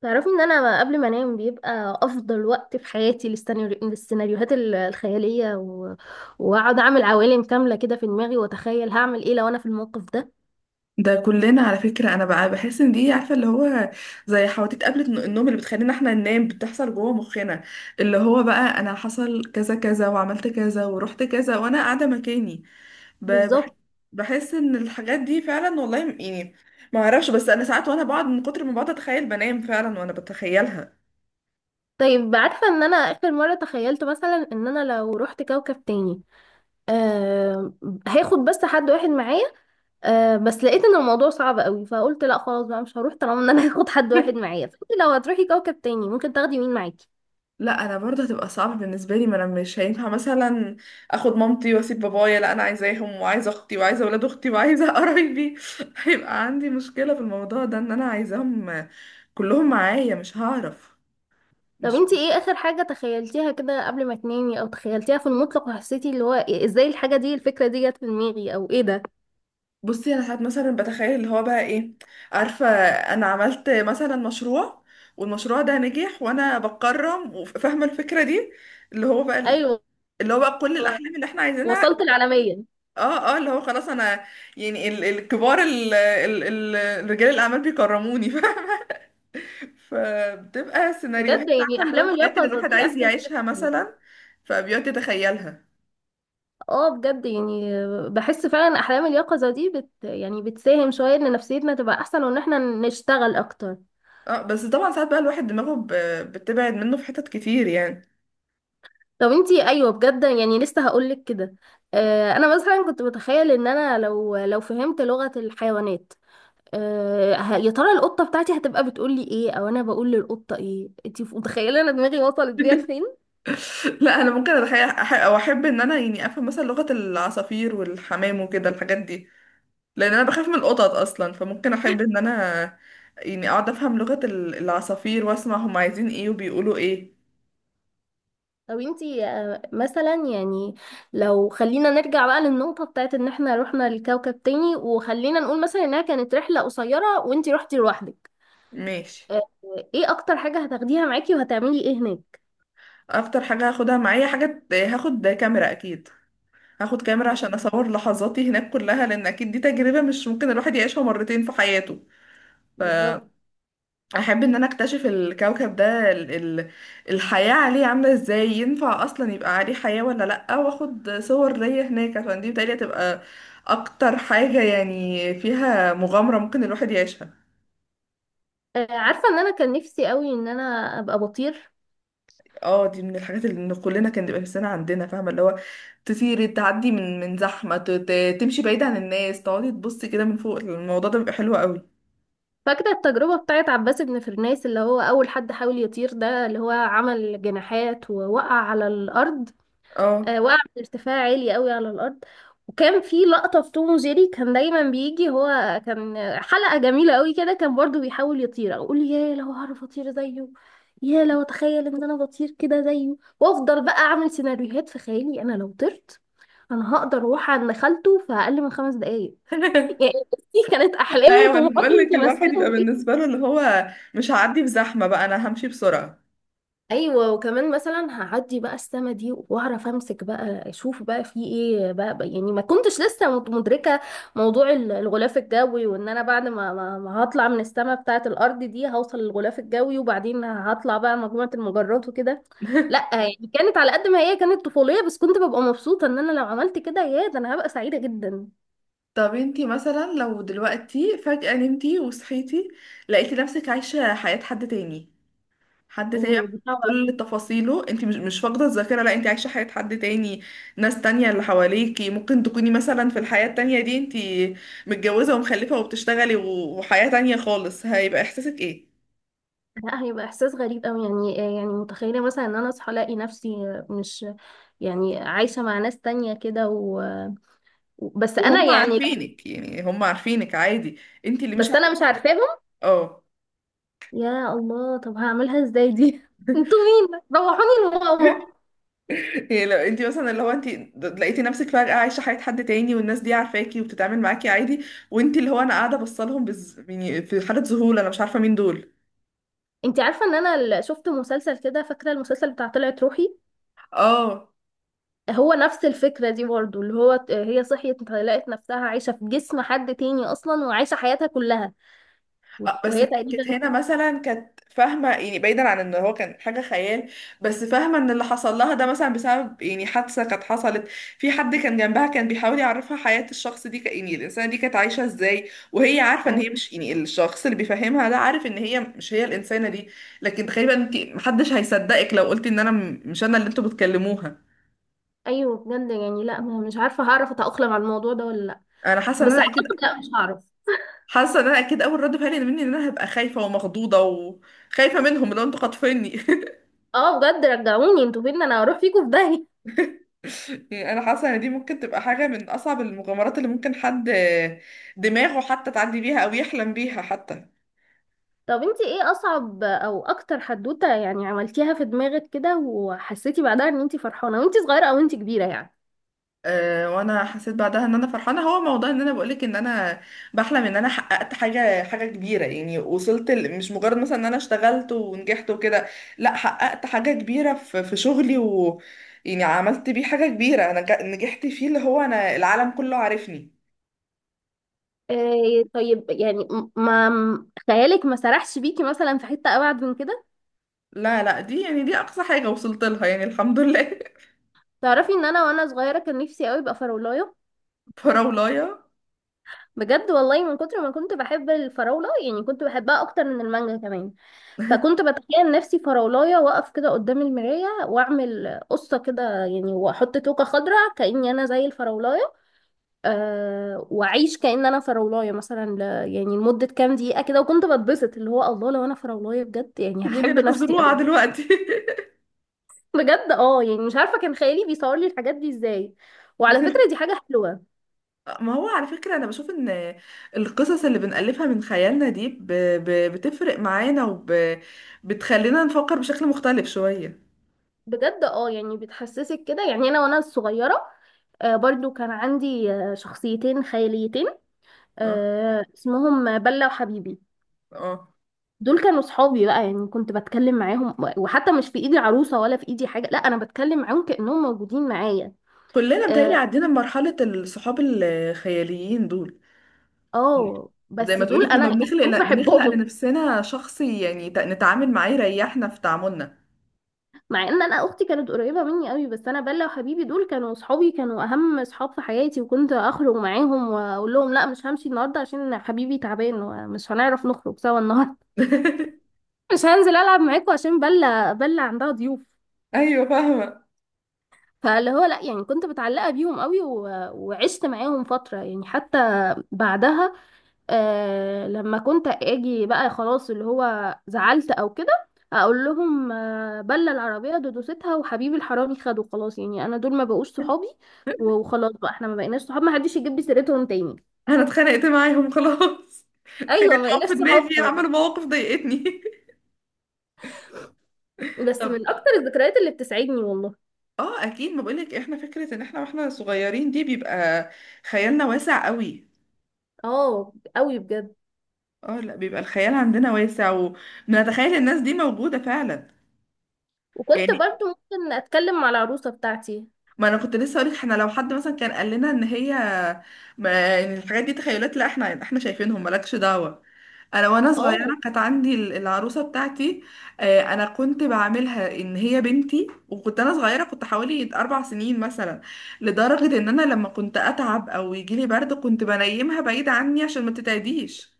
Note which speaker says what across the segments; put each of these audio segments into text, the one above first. Speaker 1: تعرفي ان انا قبل ما انام بيبقى افضل وقت في حياتي للسيناريوهات الخياليه واقعد اعمل عوالم كامله كده في دماغي واتخيل هعمل ايه لو انا في الموقف ده
Speaker 2: ده كلنا على فكرة، أنا بقى بحس إن دي عارفة اللي هو زي حواديت قبل النوم اللي بتخلينا إحنا ننام بتحصل جوه مخنا، اللي هو بقى أنا حصل كذا كذا وعملت كذا ورحت كذا وأنا قاعدة مكاني. ب- بح-
Speaker 1: بالظبط.
Speaker 2: بحس إن الحاجات دي فعلا والله، يعني ما أعرفش. بس أنا ساعات وأنا بقعد من كتر ما بقعد أتخيل بنام فعلا وأنا بتخيلها.
Speaker 1: طيب، عارفه ان انا اخر مره تخيلت مثلا ان انا لو رحت كوكب تاني آه... هاخد بس حد واحد معايا. بس لقيت ان الموضوع صعب قوي، فقلت لا خلاص بقى مش هروح طالما ان انا هاخد حد واحد معايا. فانت لو هتروحي كوكب تاني ممكن تاخدي مين معاكي؟
Speaker 2: لا انا برضه هتبقى صعبة بالنسبة لي، ما انا مش هينفع مثلا اخد مامتي واسيب بابايا. لا انا عايزاهم، وعايزة اختي، وعايزة ولاد اختي، وعايزة قرايبي. هيبقى عندي مشكلة في الموضوع ده، ان انا عايزاهم كلهم معايا، مش هعرف.
Speaker 1: طب
Speaker 2: مش.
Speaker 1: انتي ايه اخر حاجة تخيلتيها كده قبل ما تنامي او تخيلتيها في المطلق وحسيتي اللي هو ازاي الحاجة دي، الفكرة دي جت في دماغي، او ايه ده؟
Speaker 2: بصي انا ساعات مثلا بتخيل اللي هو بقى ايه. عارفة، انا عملت مثلا مشروع والمشروع ده نجح وانا بتكرم وفاهمة الفكرة دي، اللي هو بقى
Speaker 1: ايوه،
Speaker 2: كل الاحلام اللي احنا عايزينها.
Speaker 1: وصلت العالمية.
Speaker 2: اه. اه اللي هو خلاص انا، يعني ال- الكبار ال- ال- ال- الرجال الاعمال بيكرموني، فاهمة؟ فبتبقى
Speaker 1: بجد
Speaker 2: سيناريوهات عارفه
Speaker 1: يعني
Speaker 2: اللي هو
Speaker 1: احلام
Speaker 2: الحاجات اللي
Speaker 1: اليقظة
Speaker 2: الواحد
Speaker 1: دي
Speaker 2: عايز
Speaker 1: احسن حاجة في
Speaker 2: يعيشها
Speaker 1: الحياة.
Speaker 2: مثلا، فبيقعد يتخيلها.
Speaker 1: اه بجد يعني، بحس فعلا احلام اليقظة دي يعني بتساهم شوية ان نفسيتنا تبقى احسن وان احنا نشتغل اكتر.
Speaker 2: اه بس طبعا ساعات بقى الواحد دماغه بتبعد منه في حتت كتير يعني.
Speaker 1: طب انتي، ايوه بجد يعني لسه هقولك كده. انا مثلا كنت بتخيل ان انا لو فهمت لغة الحيوانات. يا ترى القطة بتاعتي هتبقى بتقول لي ايه، او انا بقول للقطة ايه؟ انتي متخيلة انا دماغي وصلت بيها لفين.
Speaker 2: لا انا ممكن اتخيل او احب ان انا يعني افهم مثلا لغة العصافير والحمام وكده الحاجات دي. لان انا بخاف من القطط اصلا، فممكن احب ان انا يعني اقعد افهم لغة العصافير واسمع هم عايزين ايه وبيقولوا ايه.
Speaker 1: طب انتي مثلا يعني لو خلينا نرجع بقى للنقطة بتاعت ان احنا رحنا لكوكب تاني، وخلينا نقول مثلا انها كانت رحلة قصيرة وانتي رحتي لوحدك.
Speaker 2: ماشي.
Speaker 1: أه ايه اكتر حاجة هتاخديها معاكي وهتعملي ايه هناك؟
Speaker 2: اكتر حاجة هاخدها معايا، حاجة هاخد كاميرا اكيد. هاخد كاميرا
Speaker 1: آه،
Speaker 2: عشان اصور لحظاتي هناك كلها، لان اكيد دي تجربة مش ممكن الواحد يعيشها مرتين في حياته.
Speaker 1: بالظبط.
Speaker 2: فاحب ان انا اكتشف الكوكب ده، ال ال الحياة عليه عاملة ازاي، ينفع اصلا يبقى عليه حياة ولا لأ، واخد صور ليا هناك، عشان دي بتهيألي هتبقى اكتر حاجة يعني فيها مغامرة ممكن الواحد يعيشها.
Speaker 1: عارفة ان انا كان نفسي قوي ان انا ابقى بطير.
Speaker 2: اه دي من الحاجات اللي إن كلنا كان بيبقى نفسنا عندنا، فاهمه اللي هو تطيري، تعدي من زحمه، تمشي بعيد عن الناس، تقعدي تبصي كده من فوق، الموضوع ده بيبقى حلو قوي.
Speaker 1: فاكرة التجربة بتاعت عباس بن فرناس اللي هو أول حد حاول يطير ده، اللي هو عمل جناحات ووقع على الأرض.
Speaker 2: اه.
Speaker 1: وقع من ارتفاع عالي قوي على الأرض. وكان في لقطة في توم وجيري كان دايما بيجي هو. كان حلقة جميلة قوي كده، كان برضو بيحاول يطير، أقول يا لو هعرف أطير زيه، يا لو أتخيل إن أنا بطير كده زيه، وأفضل بقى أعمل سيناريوهات في خيالي أنا لو طرت. أنا هقدر أروح عند خالته في أقل من 5 دقايق. يعني دي كانت أحلامي
Speaker 2: ايوه انا
Speaker 1: وطموحاتي
Speaker 2: بقول لك الواحد
Speaker 1: متمثلة.
Speaker 2: يبقى بالنسبه له اللي هو مش هعدي بزحمه بقى، انا همشي بسرعه.
Speaker 1: ايوه، وكمان مثلا هعدي بقى السما دي واعرف امسك بقى، اشوف بقى في ايه بقى، يعني ما كنتش لسه مدركه موضوع الغلاف الجوي، وان انا بعد ما هطلع من السما بتاعه الارض دي هوصل للغلاف الجوي وبعدين هطلع بقى مجموعه المجرات وكده. لا يعني كانت على قد ما هي كانت طفوليه، بس كنت ببقى مبسوطه ان انا لو عملت كده، يا ده انا هبقى سعيده جدا.
Speaker 2: طب انتي مثلا لو دلوقتي فجأة نمتي وصحيتي لقيتي نفسك عايشة حياة حد تاني، حد تاني بقى،
Speaker 1: اوه دي!
Speaker 2: بكل تفاصيله. انت مش فاقده الذاكره، لا انت عايشه حياه حد تاني. ناس تانية اللي حواليكي، ممكن تكوني مثلا في الحياه التانية دي انت متجوزه ومخلفه وبتشتغلي وحياه تانية خالص. هيبقى احساسك ايه؟
Speaker 1: لا هيبقى احساس غريب قوي، يعني يعني متخيله مثلا ان انا اصحى الاقي نفسي مش يعني عايشه مع ناس تانية كده بس انا
Speaker 2: وهم
Speaker 1: يعني،
Speaker 2: عارفينك، يعني هم عارفينك عادي، انت اللي مش
Speaker 1: بس
Speaker 2: عارفه.
Speaker 1: انا مش عارفاهم.
Speaker 2: اه.
Speaker 1: يا الله، طب هعملها ازاي دي؟ انتوا مين؟ روحوني لماما.
Speaker 2: يعني لو انت مثلا اللي هو انت لقيتي نفسك فجأة عايشة حياة حد تاني، والناس دي عارفاكي وبتتعامل معاكي عادي، وانت اللي هو انا قاعدة بصلهم يعني في حالة ذهول، انا مش عارفة مين دول.
Speaker 1: انت عارفه ان انا شفت مسلسل كده، فاكره المسلسل بتاع طلعت روحي؟
Speaker 2: اه.
Speaker 1: هو نفس الفكره دي برضو، اللي هو هي صحيت لقت نفسها عايشه في جسم حد تاني اصلا، وعايشه حياتها كلها.
Speaker 2: اه بس هي
Speaker 1: وهي تقريبا.
Speaker 2: كانت هنا مثلا كانت فاهمة، يعني بعيدا عن ان هو كان حاجة خيال، بس فاهمة ان اللي حصل لها ده مثلا بسبب يعني حادثة كانت حصلت، في حد كان جنبها كان بيحاول يعرفها حياة الشخص دي، ك- يعني الإنسانة دي كانت عايشة ازاي، وهي عارفة ان
Speaker 1: آه.
Speaker 2: هي مش يعني الشخص اللي بيفهمها ده عارف ان هي مش هي الإنسانة دي. لكن تقريبا انت محدش هيصدقك لو قلتي ان انا مش انا اللي انتوا بتكلموها.
Speaker 1: ايوه بجد يعني، لا مش عارفه هعرف اتاقلم على الموضوع ده ولا لا.
Speaker 2: انا حاسة ان
Speaker 1: بس
Speaker 2: انا اكيد
Speaker 1: اعتقد لا مش هعرف.
Speaker 2: حاسة ان انا اكيد اول رد فعلي مني ان انا هبقى خايفة ومخضوضة وخايفة منهم، لو انتوا خاطفيني.
Speaker 1: اه بجد رجعوني، انتوا فين؟ انا هروح فيكم في داهيه.
Speaker 2: يعني انا حاسه ان دي ممكن تبقى حاجه من اصعب المغامرات اللي ممكن حد دماغه حتى تعدي بيها او يحلم بيها حتى.
Speaker 1: طب انتي ايه اصعب او اكتر حدوته يعني عملتيها في دماغك كده وحسيتي بعدها ان انتي فرحانه، وانتي صغيره او انتي كبيره يعني؟
Speaker 2: أه وانا حسيت بعدها ان انا فرحانه، هو موضوع ان انا بقولك ان انا بحلم ان انا حققت حاجه كبيره، يعني وصلت مش مجرد مثلا ان انا اشتغلت ونجحت وكده، لا حققت حاجه كبيره في شغلي، و يعني عملت بيه حاجه كبيره، انا نجحت فيه، اللي هو انا العالم كله عارفني.
Speaker 1: إيه طيب يعني م- ما م- خيالك ما سرحش بيكي مثلا في حته ابعد من كده؟
Speaker 2: لا لا دي يعني دي اقصى حاجه وصلت لها، يعني الحمد لله.
Speaker 1: تعرفي ان انا وانا صغيره كان نفسي قوي ابقى فرولايه.
Speaker 2: فراولايه،
Speaker 1: بجد والله من كتر ما كنت بحب الفراولة، يعني كنت بحبها أكتر من المانجا كمان. فكنت بتخيل نفسي فراولاية واقف كده قدام المراية وأعمل قصة كده يعني، وأحط توكة خضراء كأني أنا زي الفراولاية. وأعيش كأن أنا فراولاية مثلا يعني لمدة كام دقيقة كده، وكنت بتبسط اللي هو الله لو أنا فراولاية بجد، يعني
Speaker 2: سيبوني
Speaker 1: هحب
Speaker 2: انا
Speaker 1: نفسي
Speaker 2: هزروعه
Speaker 1: أوي.
Speaker 2: دلوقتي.
Speaker 1: بجد اه يعني مش عارفة كان خيالي بيصور لي الحاجات دي ازاي. وعلى فكرة دي حاجة حلوة.
Speaker 2: ما هو على فكرة أنا بشوف إن القصص اللي بنألفها من خيالنا دي بتفرق معانا، بتخلينا نفكر بشكل مختلف شوية.
Speaker 1: بجد اه يعني بتحسسك كده. يعني انا وانا صغيره برضو كان عندي شخصيتين خياليتين،
Speaker 2: اه.
Speaker 1: اسمهم بلة وحبيبي.
Speaker 2: اه،
Speaker 1: دول كانوا صحابي بقى، يعني كنت بتكلم معاهم وحتى مش في ايدي عروسة ولا في ايدي حاجة، لا انا بتكلم معاهم كأنهم موجودين معايا.
Speaker 2: كلنا متهيألي
Speaker 1: اه،
Speaker 2: عدينا بمرحلة الصحاب الخياليين دول، زي
Speaker 1: بس
Speaker 2: ما تقولي
Speaker 1: دول
Speaker 2: كنا
Speaker 1: انا
Speaker 2: بنخلق،
Speaker 1: كنت
Speaker 2: لا بنخلق
Speaker 1: بحبهم.
Speaker 2: لنفسنا شخص يعني نتعامل معاه يريحنا في تعاملنا.
Speaker 1: مع ان انا اختي كانت قريبه مني قوي، بس انا بلا وحبيبي دول كانوا صحابي، كانوا اهم صحاب في حياتي، وكنت اخرج معاهم واقول لهم لا مش همشي النهارده عشان حبيبي تعبان ومش هنعرف نخرج سوا النهارده. مش هنزل العب معاكم عشان بلا عندها ضيوف.
Speaker 2: أيوة فاهمة.
Speaker 1: فاللي هو لا يعني كنت متعلقه بيهم قوي، وعشت معاهم فتره يعني حتى بعدها. لما كنت اجي بقى خلاص اللي هو زعلت او كده، اقول لهم بلى العربيه دودوستها وحبيبي الحرامي خده خلاص، يعني انا دول ما بقوش صحابي، وخلاص بقى احنا ما بقيناش صحاب، ما حدش يجيب لي سيرتهم تاني.
Speaker 2: أنا اتخانقت معاهم خلاص،
Speaker 1: ايوه
Speaker 2: اتخانقت
Speaker 1: ما
Speaker 2: معاهم
Speaker 1: بقيناش
Speaker 2: في
Speaker 1: صحاب
Speaker 2: دماغي،
Speaker 1: خلاص.
Speaker 2: عملوا مواقف ضايقتني.
Speaker 1: بس
Speaker 2: طب.
Speaker 1: من اكتر الذكريات اللي بتسعدني والله.
Speaker 2: اه اكيد، ما بقولك احنا فكره ان احنا واحنا صغيرين دي بيبقى خيالنا واسع قوي.
Speaker 1: اه قوي بجد.
Speaker 2: اه. لا بيبقى الخيال عندنا واسع، ونتخيل الناس دي موجوده فعلا.
Speaker 1: وكنت
Speaker 2: يعني
Speaker 1: برضو ممكن اتكلم مع العروسه بتاعتي.
Speaker 2: ما انا كنت لسه هقولك احنا لو حد مثلا كان قال لنا ان هي، ما ان الحاجات دي تخيلات، لا احنا شايفينهم مالكش دعوة. انا وانا
Speaker 1: اه
Speaker 2: صغيرة كانت عندي العروسة بتاعتي، آه، انا كنت بعملها ان هي بنتي، وكنت انا صغيرة، كنت حوالي 4 سنين مثلا. لدرجة ان انا لما كنت اتعب او يجيلي برد كنت بنيمها بعيد عني عشان ما تتعديش.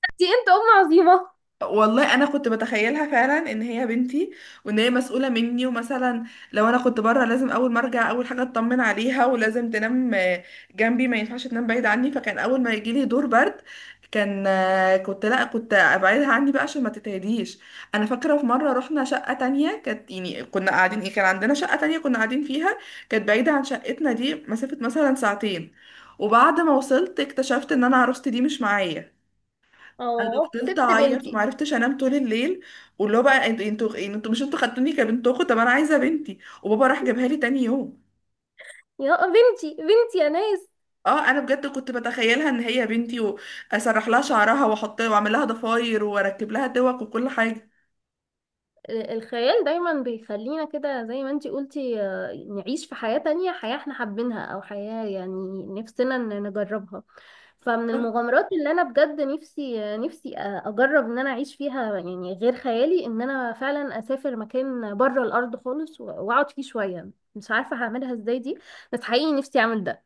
Speaker 1: انت ام عظيمه.
Speaker 2: والله انا كنت بتخيلها فعلا ان هي بنتي، وان هي مسؤوله مني، ومثلا لو انا كنت بره لازم اول ما ارجع اول حاجه اطمن عليها، ولازم تنام آه، جنبي، ما ينفعش تنام بعيد عني. فكان اول ما يجي لي دور برد كان آه، كنت، لا كنت ابعدها عني بقى عشان ما تتهديش. انا فاكره في مره رحنا شقه تانية، كانت يعني كنا قاعدين ايه، كان عندنا شقه تانية كنا قاعدين فيها، كانت بعيده عن شقتنا دي مسافه مثلا ساعتين. وبعد ما وصلت اكتشفت ان انا عروستي دي مش معايا. انا
Speaker 1: اه
Speaker 2: فضلت
Speaker 1: سبت
Speaker 2: اعيط وما
Speaker 1: بنتي.
Speaker 2: عرفتش انام طول الليل، واللي هو بقى، انتوا يعني انتوا مش انتوا خدتوني كبنت اخو، طب انا عايزه بنتي. وبابا راح جابها لي تاني يوم.
Speaker 1: يا بنتي، بنتي يا ناس.
Speaker 2: اه انا بجد كنت بتخيلها ان هي بنتي، واسرح لها شعرها واحط واعمل لها ضفاير واركب لها دوق وكل حاجه.
Speaker 1: الخيال دايما بيخلينا كده زي ما انتي قلتي نعيش في حياة تانية، حياة احنا حابينها او حياة يعني نفسنا ان نجربها. فمن المغامرات اللي انا بجد نفسي اجرب ان انا اعيش فيها، يعني غير خيالي، ان انا فعلا اسافر مكان بره الارض خالص واقعد فيه شوية. مش عارفة هعملها ازاي دي، بس حقيقي نفسي اعمل ده.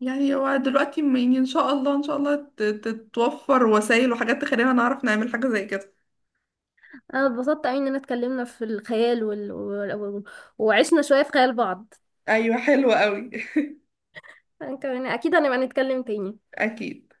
Speaker 2: يعني هو دلوقتي يعني ان شاء الله، ان شاء الله تتوفر وسائل وحاجات تخلينا نعرف نعمل حاجه زي كده.
Speaker 1: انا اتبسطت قوي اننا اتكلمنا في الخيال وعشنا شوية في خيال بعض.
Speaker 2: ايوه حلوه قوي.
Speaker 1: كمان اكيد هنبقى نتكلم تاني.
Speaker 2: اكيد.